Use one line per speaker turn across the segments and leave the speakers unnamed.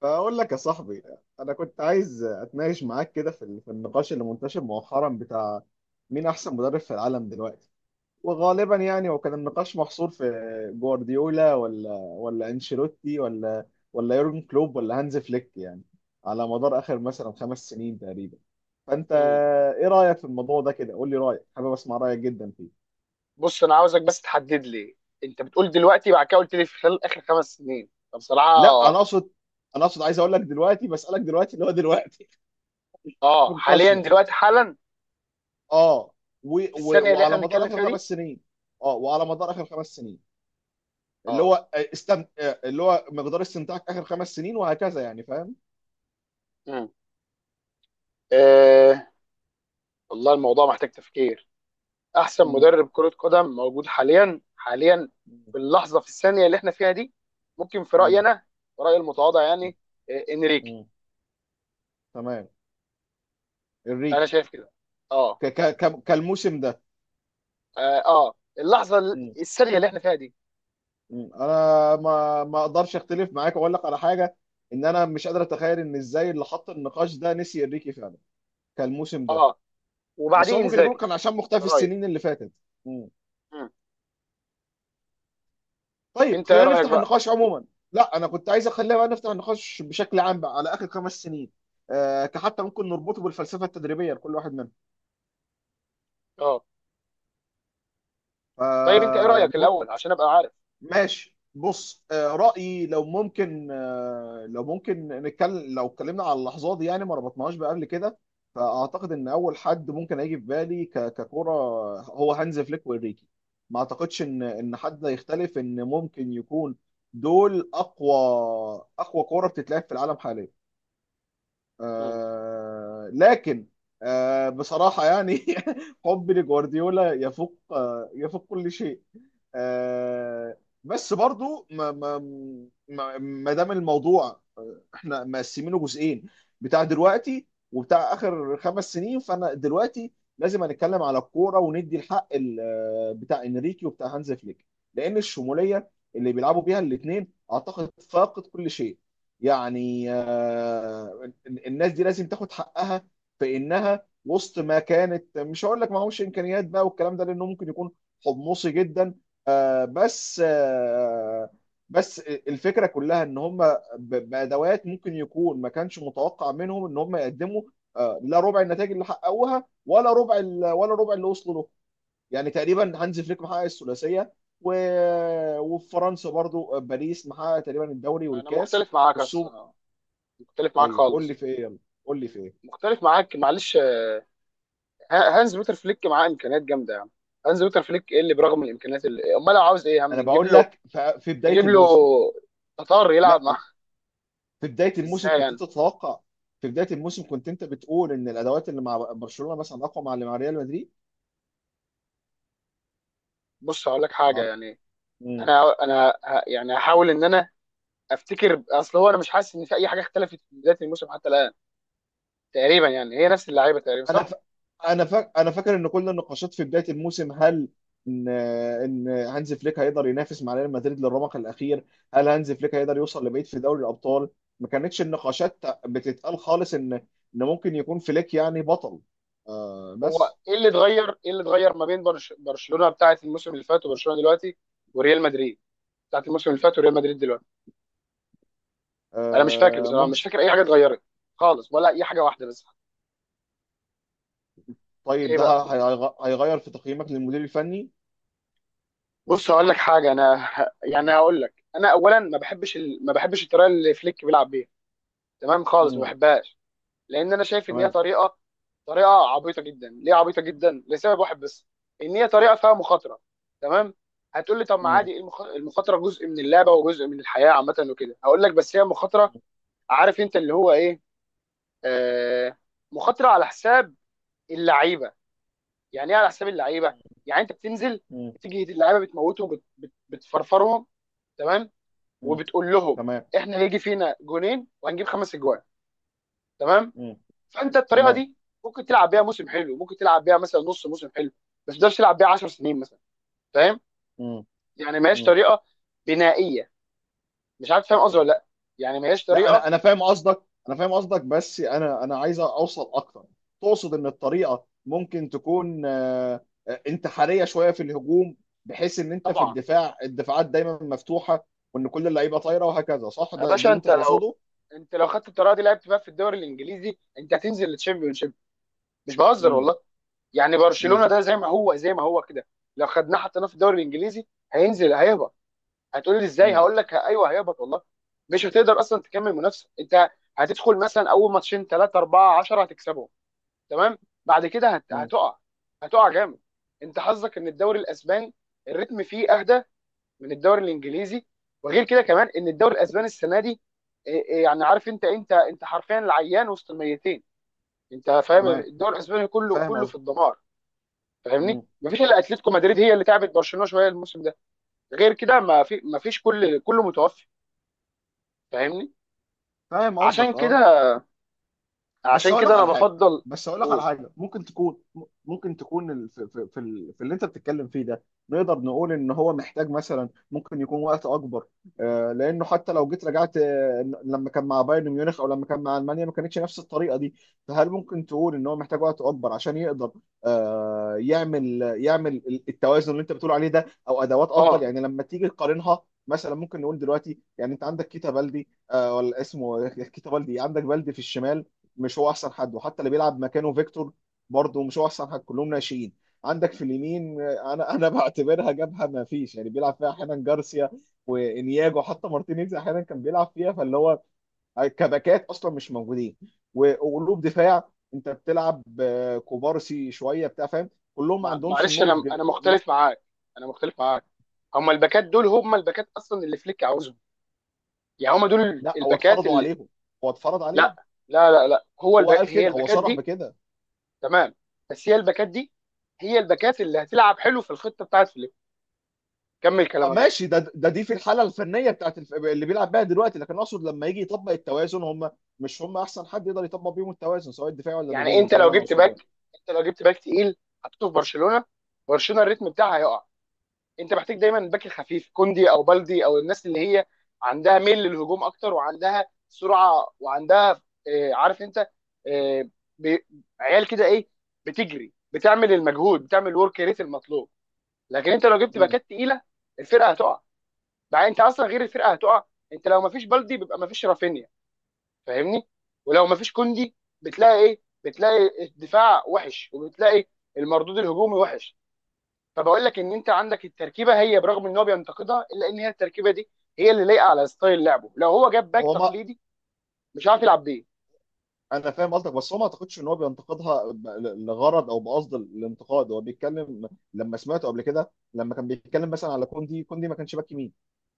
فأقول لك يا صاحبي، أنا كنت عايز أتناقش معاك كده في النقاش اللي منتشر مؤخرا بتاع مين أحسن مدرب في العالم دلوقتي. وغالبا وكان النقاش محصور في جوارديولا ولا أنشيلوتي ولا يورجن كلوب ولا هانز فليك، يعني على مدار آخر مثلا خمس سنين تقريبا. فأنت
مم.
إيه رأيك في الموضوع ده؟ كده قول لي رأيك، حابب أسمع رأيك جدا فيه.
بص انا عاوزك بس تحدد لي. انت بتقول دلوقتي، بعد كده قلت لي في خلال اخر خمس سنين.
لا
فبصراحه
أنا أقصد، أنا أقصد عايز أقول لك دلوقتي، بسألك دلوقتي، اللي هو دلوقتي في
اه حاليا
نقاشنا.
دلوقتي حالا،
اه، و...
في
و...
الثانيه اللي احنا
وعلى مدار
بنتكلم
اخر
فيها
خمس
دي.
سنين. اه وعلى مدار اخر خمس سنين، اللي
اه.
هو اللي هو مقدار استمتاعك اخر خمس سنين وهكذا، يعني فاهم؟
مم. آه، والله الموضوع محتاج تفكير. احسن
مم.
مدرب كره قدم موجود حاليا حاليا،
مم.
في اللحظه في الثانيه اللي احنا فيها دي، ممكن في رايي
مم.
انا، رايي المتواضع يعني، آه انريكي.
مم. تمام.
انا
الريكي.
شايف كده. اه.
كالموسم ده.
اه، آه. اللحظه
مم.
الثانيه اللي احنا فيها دي.
مم. انا ما اقدرش اختلف معاك واقول لك على حاجه، ان انا مش قادر اتخيل ان ازاي اللي حط النقاش ده نسي الريكي فعلا كالموسم ده.
اه،
بس
وبعديه
هو ممكن يكون
انزاجي
كان عشان
في
مختفي
رايي.
السنين اللي فاتت. طيب
انت ايه
خلينا
رايك
نفتح
بقى؟
النقاش عموما. لا انا كنت عايز اخليها بقى، نفتح النقاش بشكل عام بقى على اخر خمس سنين. كحتى ممكن نربطه بالفلسفه التدريبيه لكل واحد
اه، طيب انت ايه رايك
منهم.
الاول عشان ابقى عارف؟
ماشي، بص، رأيي لو ممكن، لو ممكن نتكلم، لو اتكلمنا على اللحظات دي يعني ما ربطناهاش بقى قبل كده. فأعتقد إن أول حد ممكن هيجي في بالي ككرة هو هانز فليك وإنريكي. ما أعتقدش إن حد يختلف إن ممكن يكون دول أقوى، أقوى كرة بتتلعب في العالم حاليا.
مم.
آه لكن، آه بصراحة يعني حبي لجوارديولا يفوق، آه يفوق كل شيء. آه بس برضو ما دام الموضوع، احنا مقسمينه جزئين، بتاع دلوقتي وبتاع اخر خمس سنين. فانا دلوقتي لازم هنتكلم على الكورة وندي الحق بتاع انريكي وبتاع هانز فليك، لان الشمولية اللي بيلعبوا بيها الاثنين اعتقد فاقت كل شيء. يعني الناس دي لازم تاخد حقها، في انها وسط ما كانت، مش هقول لك معهوش امكانيات بقى والكلام ده لانه ممكن يكون حمصي جدا. آه، بس آه، بس الفكره كلها ان هم بادوات ممكن يكون ما كانش متوقع منهم ان هم يقدموا لا ربع النتائج اللي حققوها، ولا ربع اللي وصلوا له. يعني تقريبا هانز فليك محقق الثلاثيه، وفي فرنسا برضو، باريس محقق تقريبا الدوري
انا
والكاس
مختلف معاك أص...
والسوبر.
آه، مختلف معاك
طيب قول لي
خالص.
في ايه، يلا قول لي في ايه.
مختلف معاك معلش آه، هانز بيتر فليك معاه امكانيات جامده يعني. هانز بيتر فليك ايه اللي برغم الامكانيات، اللي امال لو عاوز ايه يا عم
انا
نجيب
بقول
له،
لك في بدايه
نجيب له
الموسم.
تطار يلعب
لا
معاه.
في بدايه الموسم
ازاي
كنت
يعني؟
انت تتوقع، في بدايه الموسم كنت انت بتقول ان الادوات اللي مع برشلونه مثلا اقوى مع اللي مع ريال مدريد.
بص هقول لك حاجه
مع-
يعني.
مم.
انا يعني هحاول ان انا افتكر. اصل هو انا مش حاسس ان في اي حاجه اختلفت من بدايه الموسم حتى الان، تقريبا يعني هي نفس اللعيبه تقريبا
انا ف...
صح؟
انا فاكر ان كل النقاشات في بدايه الموسم، هل ان هانز فليك هيقدر ينافس مع ريال مدريد للرمق الاخير، هل هانز فليك هيقدر يوصل لبعيد في دوري الابطال. ما كانتش النقاشات بتتقال خالص ان ممكن يكون فليك يعني بطل. آه
هو
بس،
ايه اللي اتغير؟ ايه اللي اتغير ما بين برشلونه بتاعه الموسم اللي فات وبرشلونه دلوقتي، وريال مدريد بتاعه الموسم اللي فات وريال مدريد دلوقتي؟ انا مش فاكر
آه
بصراحه،
ممكن.
مش فاكر اي حاجه اتغيرت خالص، ولا اي حاجه واحده بس.
طيب
ايه
ده
بقى؟
هيغ- هيغير في تقييمك للمدير الفني؟
بص هقول لك حاجه انا. يعني
مم.
هقول لك انا اولا ما بحبش الطريقه اللي فليك بيلعب بيها. تمام خالص، ما
مم.
بحبهاش. لان انا شايف ان هي
تمام.
طريقه، طريقه عبيطه جدا. ليه عبيطه جدا؟ لسبب واحد بس، ان هي طريقه فيها مخاطره. تمام. هتقول لي طب ما
مم.
عادي، إيه المخاطره جزء من اللعبه وجزء من الحياه عامه وكده. هقول لك بس هي مخاطره،
مم.
عارف انت اللي هو ايه، آه، مخاطره على حساب اللعيبه. يعني ايه على حساب اللعيبه؟ يعني انت بتنزل،
مم. مم.
بتيجي اللعيبه بتموتهم، بتفرفرهم، تمام،
مم.
وبتقول لهم
تمام.
احنا هيجي فينا جونين وهنجيب خمس اجوان. تمام.
مم.
فانت الطريقه
تمام.
دي ممكن تلعب بيها موسم حلو، ممكن تلعب بيها مثلا نص موسم حلو، بس ما تقدرش تلعب بيها 10 سنين مثلا. فاهم؟
مم.
يعني ما هياش
مم.
طريقه بنائيه. مش عارف فاهم قصدي ولا لا. يعني ما هياش
لا انا
طريقه.
انا فاهم قصدك، انا فاهم قصدك، بس انا عايز اوصل اكتر. تقصد ان الطريقه ممكن تكون انتحاريه شويه في الهجوم، بحيث ان انت في
طبعا.
الدفاع الدفاعات دايما مفتوحه، وان كل اللعيبه طايره وهكذا، صح؟
يا
ده
باشا
اللي انت
انت لو،
تقصده.
انت لو خدت الطريقه دي لعبت بقى في الدوري الانجليزي، انت هتنزل للتشامبيون شيب. مش بهزر
مم.
والله. يعني
مم.
برشلونه ده زي ما هو زي ما هو كده، لو خدناه حطيناه في الدوري الانجليزي هينزل هيهبط. هتقول لي ازاي؟
مم.
هقول لك ايوه هيهبط والله. مش هتقدر اصلا تكمل منافسه انت. هتدخل مثلا اول ماتشين ثلاثه اربعه 10 هتكسبهم، تمام، بعد كده
مم.
هتقع، هتقع جامد. انت حظك ان الدوري الاسباني الريتم فيه اهدى من الدوري الانجليزي. وغير كده كمان، ان الدوري الاسباني السنه دي، إيه إيه يعني، عارف انت حرفيا العيان وسط الميتين. انت فاهم؟
تمام.
الدوري الاسباني كله
فاهم
كله في الدمار. فاهمني؟
قصدك.
مفيش الا اتلتيكو مدريد هي اللي تعبت برشلونه شويه الموسم ده. غير كده ما فيش، كل كله متوفي. فاهمني؟
فاهم
عشان
قصدك،
كده،
اه. بس
عشان
هقول لك
كده انا
على حاجه،
بفضل.
بس هقول لك على
قول.
حاجه ممكن تكون، ممكن تكون في اللي انت بتتكلم فيه ده، نقدر نقول ان هو محتاج مثلا، ممكن يكون وقت اكبر. آه لانه حتى لو جيت رجعت، آه لما كان مع بايرن ميونخ او لما كان مع المانيا ما كانتش نفس الطريقه دي. فهل ممكن تقول ان هو محتاج وقت اكبر عشان يقدر آه يعمل، التوازن اللي انت بتقول عليه ده، او ادوات افضل؟
اه،
يعني لما تيجي تقارنها مثلا، ممكن نقول دلوقتي، يعني انت عندك كيتا بالدي، آه ولا اسمه كيتا بالدي، عندك بالدي في الشمال، مش هو احسن حد. وحتى اللي بيلعب مكانه فيكتور برضه مش هو احسن حد، كلهم ناشئين. عندك في اليمين، آه، انا انا بعتبرها جبهه ما فيش، يعني بيلعب فيها احيانا جارسيا وانياجو، حتى مارتينيز احيانا كان بيلعب فيها. فاللي هو كباكات اصلا مش موجودين. وقلوب دفاع انت بتلعب، كوبارسي شويه بتاع، فاهم، كلهم ما عندهمش
معلش انا
النضج.
انا مختلف معاك، انا مختلف معاك. هم الباكات دول هم الباكات اصلا اللي فليك عاوزهم. يعني هم دول
لا هو
الباكات
اتفرضوا
اللي،
عليهم، هو اتفرض عليه،
لا لا لا لا،
هو قال
هي
كده، هو
الباكات
صرح
دي.
بكده.
تمام. بس هي الباكات دي، هي الباكات اللي هتلعب حلو في الخطه بتاعت فليك. كمل
اه
كلامك بقى.
ماشي، ده دي في الحاله الفنيه بتاعت اللي بيلعب بيها دلوقتي. لكن اقصد لما يجي يطبق التوازن، هم مش هم احسن حد يقدر يطبق بيهم التوازن، سواء الدفاعي ولا
يعني
الهجومي.
انت
ده اللي
لو
انا
جبت
اقصده
باك،
يعني.
انت لو جبت باك تقيل، حطيته في برشلونه، برشلونه الريتم بتاعها هيقع. انت محتاج دايما باك خفيف، كوندي او بلدي، او الناس اللي هي عندها ميل للهجوم اكتر وعندها سرعه، وعندها آه، عارف انت، آه، بي- عيال كده ايه، بتجري، بتعمل المجهود، بتعمل الورك ريت المطلوب. لكن انت لو جبت
مم.
باكات تقيله، الفرقه هتقع. بقى انت اصلا غير الفرقه هتقع، انت لو مفيش بلدي بيبقى مفيش رافينيا. فاهمني؟ ولو مفيش كوندي، بتلاقي ايه؟ بتلاقي الدفاع وحش، وبتلاقي المردود الهجومي وحش. طب اقول لك ان انت عندك التركيبه، هي برغم ان هو بينتقدها، الا ان هي التركيبه دي هي اللي لايقه على ستايل لعبه. لو هو جاب باك
هو، ما
تقليدي مش عارف يلعب بيه.
انا فاهم قصدك، بس هو ما اعتقدش ان هو بينتقدها لغرض او بقصد الانتقاد، هو بيتكلم. لما سمعته قبل كده لما كان بيتكلم مثلا على كوندي، كوندي ما كانش باك يمين،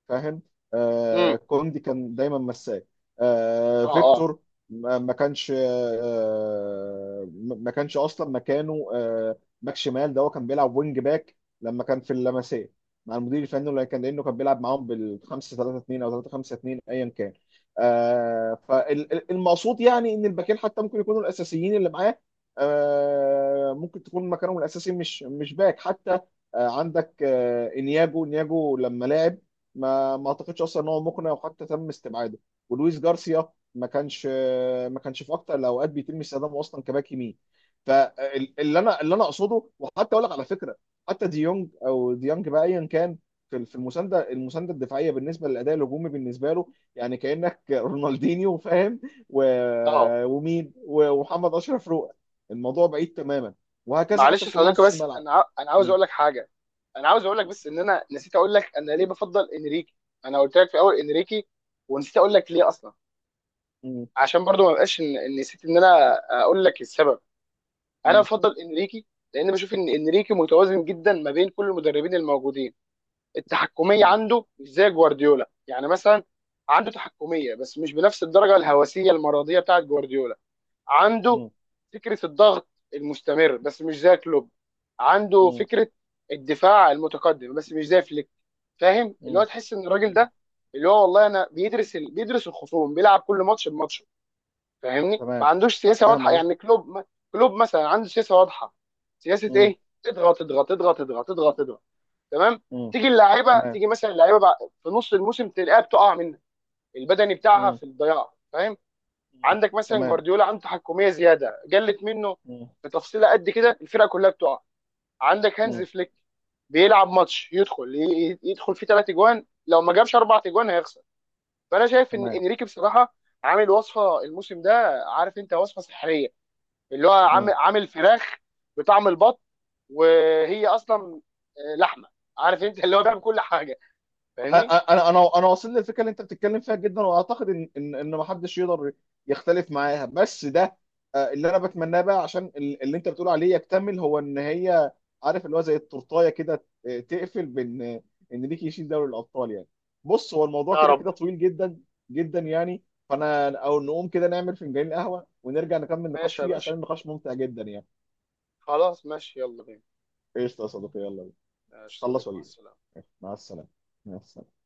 فاهم. آه
امم.
كوندي كان دايما مساك آه
اه. اه.
فيكتور. ما كانش، آه ما كانش اصلا مكانه، آه باك شمال، ده هو كان بيلعب وينج باك، لما كان في اللمسيه مع المدير الفني اللي كان، لانه كان بيلعب معاهم بال 5 3 2 او 3 5 2 ايا كان. آه فالمقصود يعني ان الباكين حتى ممكن يكونوا الاساسيين اللي معاه، آه ممكن تكون مكانهم الاساسي مش باك حتى. آه عندك آه انياجو، انياجو لما لعب ما ما اعتقدش اصلا ان هو مقنع، وحتى تم استبعاده. ولويس جارسيا، ما كانش ما كانش في اكتر الاوقات بيتم استخدامه اصلا كباك يمين. فاللي انا، اللي انا اقصده، وحتى اقول لك على فكره، حتى ديونج او ديانج بقى ايا كان، في المسانده المسانده الدفاعيه بالنسبه للاداء الهجومي بالنسبه له، يعني كانك رونالدينيو، فاهم. و...
اه.
ومين و- ومحمد اشرف روقه، الموضوع بعيد تماما، وهكذا حتى
معلش
في
يا
كل
صديقي،
نص
بس
الملعب.
انا عاوز
م-
اقول لك حاجه، انا عاوز اقول لك بس ان انا نسيت اقول لك انا ليه بفضل انريكي. انا قلت لك في الاول انريكي ونسيت اقول لك ليه اصلا.
م-
عشان برضو ما بقاش إن نسيت ان انا اقول لك السبب. انا
م-
بفضل انريكي لان بشوف ان انريكي متوازن جدا ما بين كل المدربين الموجودين. التحكميه عنده مش زي جوارديولا يعني مثلا، عنده تحكميه بس مش بنفس الدرجه الهوسيه المرضيه بتاعت جوارديولا. عنده
م-
فكره الضغط المستمر بس مش زي كلوب. عنده
م-
فكره الدفاع المتقدم بس مش زي فليك. فاهم؟ اللي هو
م-
تحس ان الراجل
م-
ده، اللي هو والله، انا بيدرس الخصوم، بيلعب كل ماتش بماتشه. فاهمني؟ ما
تمام،
عندوش سياسه
فاهم
واضحه
قصدي.
يعني. كلوب، كلوب مثلا عنده سياسه واضحه. سياسه
مم،
ايه؟ اضغط اضغط اضغط اضغط اضغط اضغط. تمام.
مم،
تيجي اللعيبه،
تمام.
تيجي مثلا اللعيبه في نص الموسم تلاقيها بتقع منك، البدني بتاعها
مم،
في الضياع. فاهم؟
مم،
عندك مثلا
تمام.
جوارديولا عنده تحكميه زياده قلت منه
مم،
في تفصيله قد كده الفرقه كلها بتقع. عندك هانز
مم،
فليك، بيلعب ماتش يدخل يدخل فيه ثلاث اجوان، لو ما جابش اربع اجوان هيخسر. فانا شايف ان
تمام.
انريكي بصراحه عامل وصفه الموسم ده، عارف انت، وصفه سحريه. اللي هو عامل
مم.
عامل فراخ بطعم البط، وهي اصلا آه، لحمه. عارف انت اللي هو بيعمل كل حاجه. فاهمني؟
انا انا انا واصل للفكره اللي انت بتتكلم فيها جدا، واعتقد ان ما حدش يقدر يختلف معاها. بس ده، اللي انا بتمناه بقى عشان اللي انت بتقول عليه يكتمل، هو ان هي، عارف اللي هو زي التورتايه كده، تقفل بان، ان ليك يشيل دوري الابطال يعني. بص هو الموضوع
يا
كده
رب.
كده طويل جدا جدا يعني، فانا او نقوم كده نعمل فنجان قهوه ونرجع نكمل نقاش
ماشي يا
فيه، عشان
باشا.
النقاش ممتع جدا يعني.
خلاص ماشي يلا بينا.
ايش يا صديقي، يلا بينا.
ماشي يا
خلص
صديقي، مع
واجيلك.
السلامة.
مع السلامه. مع السلامه.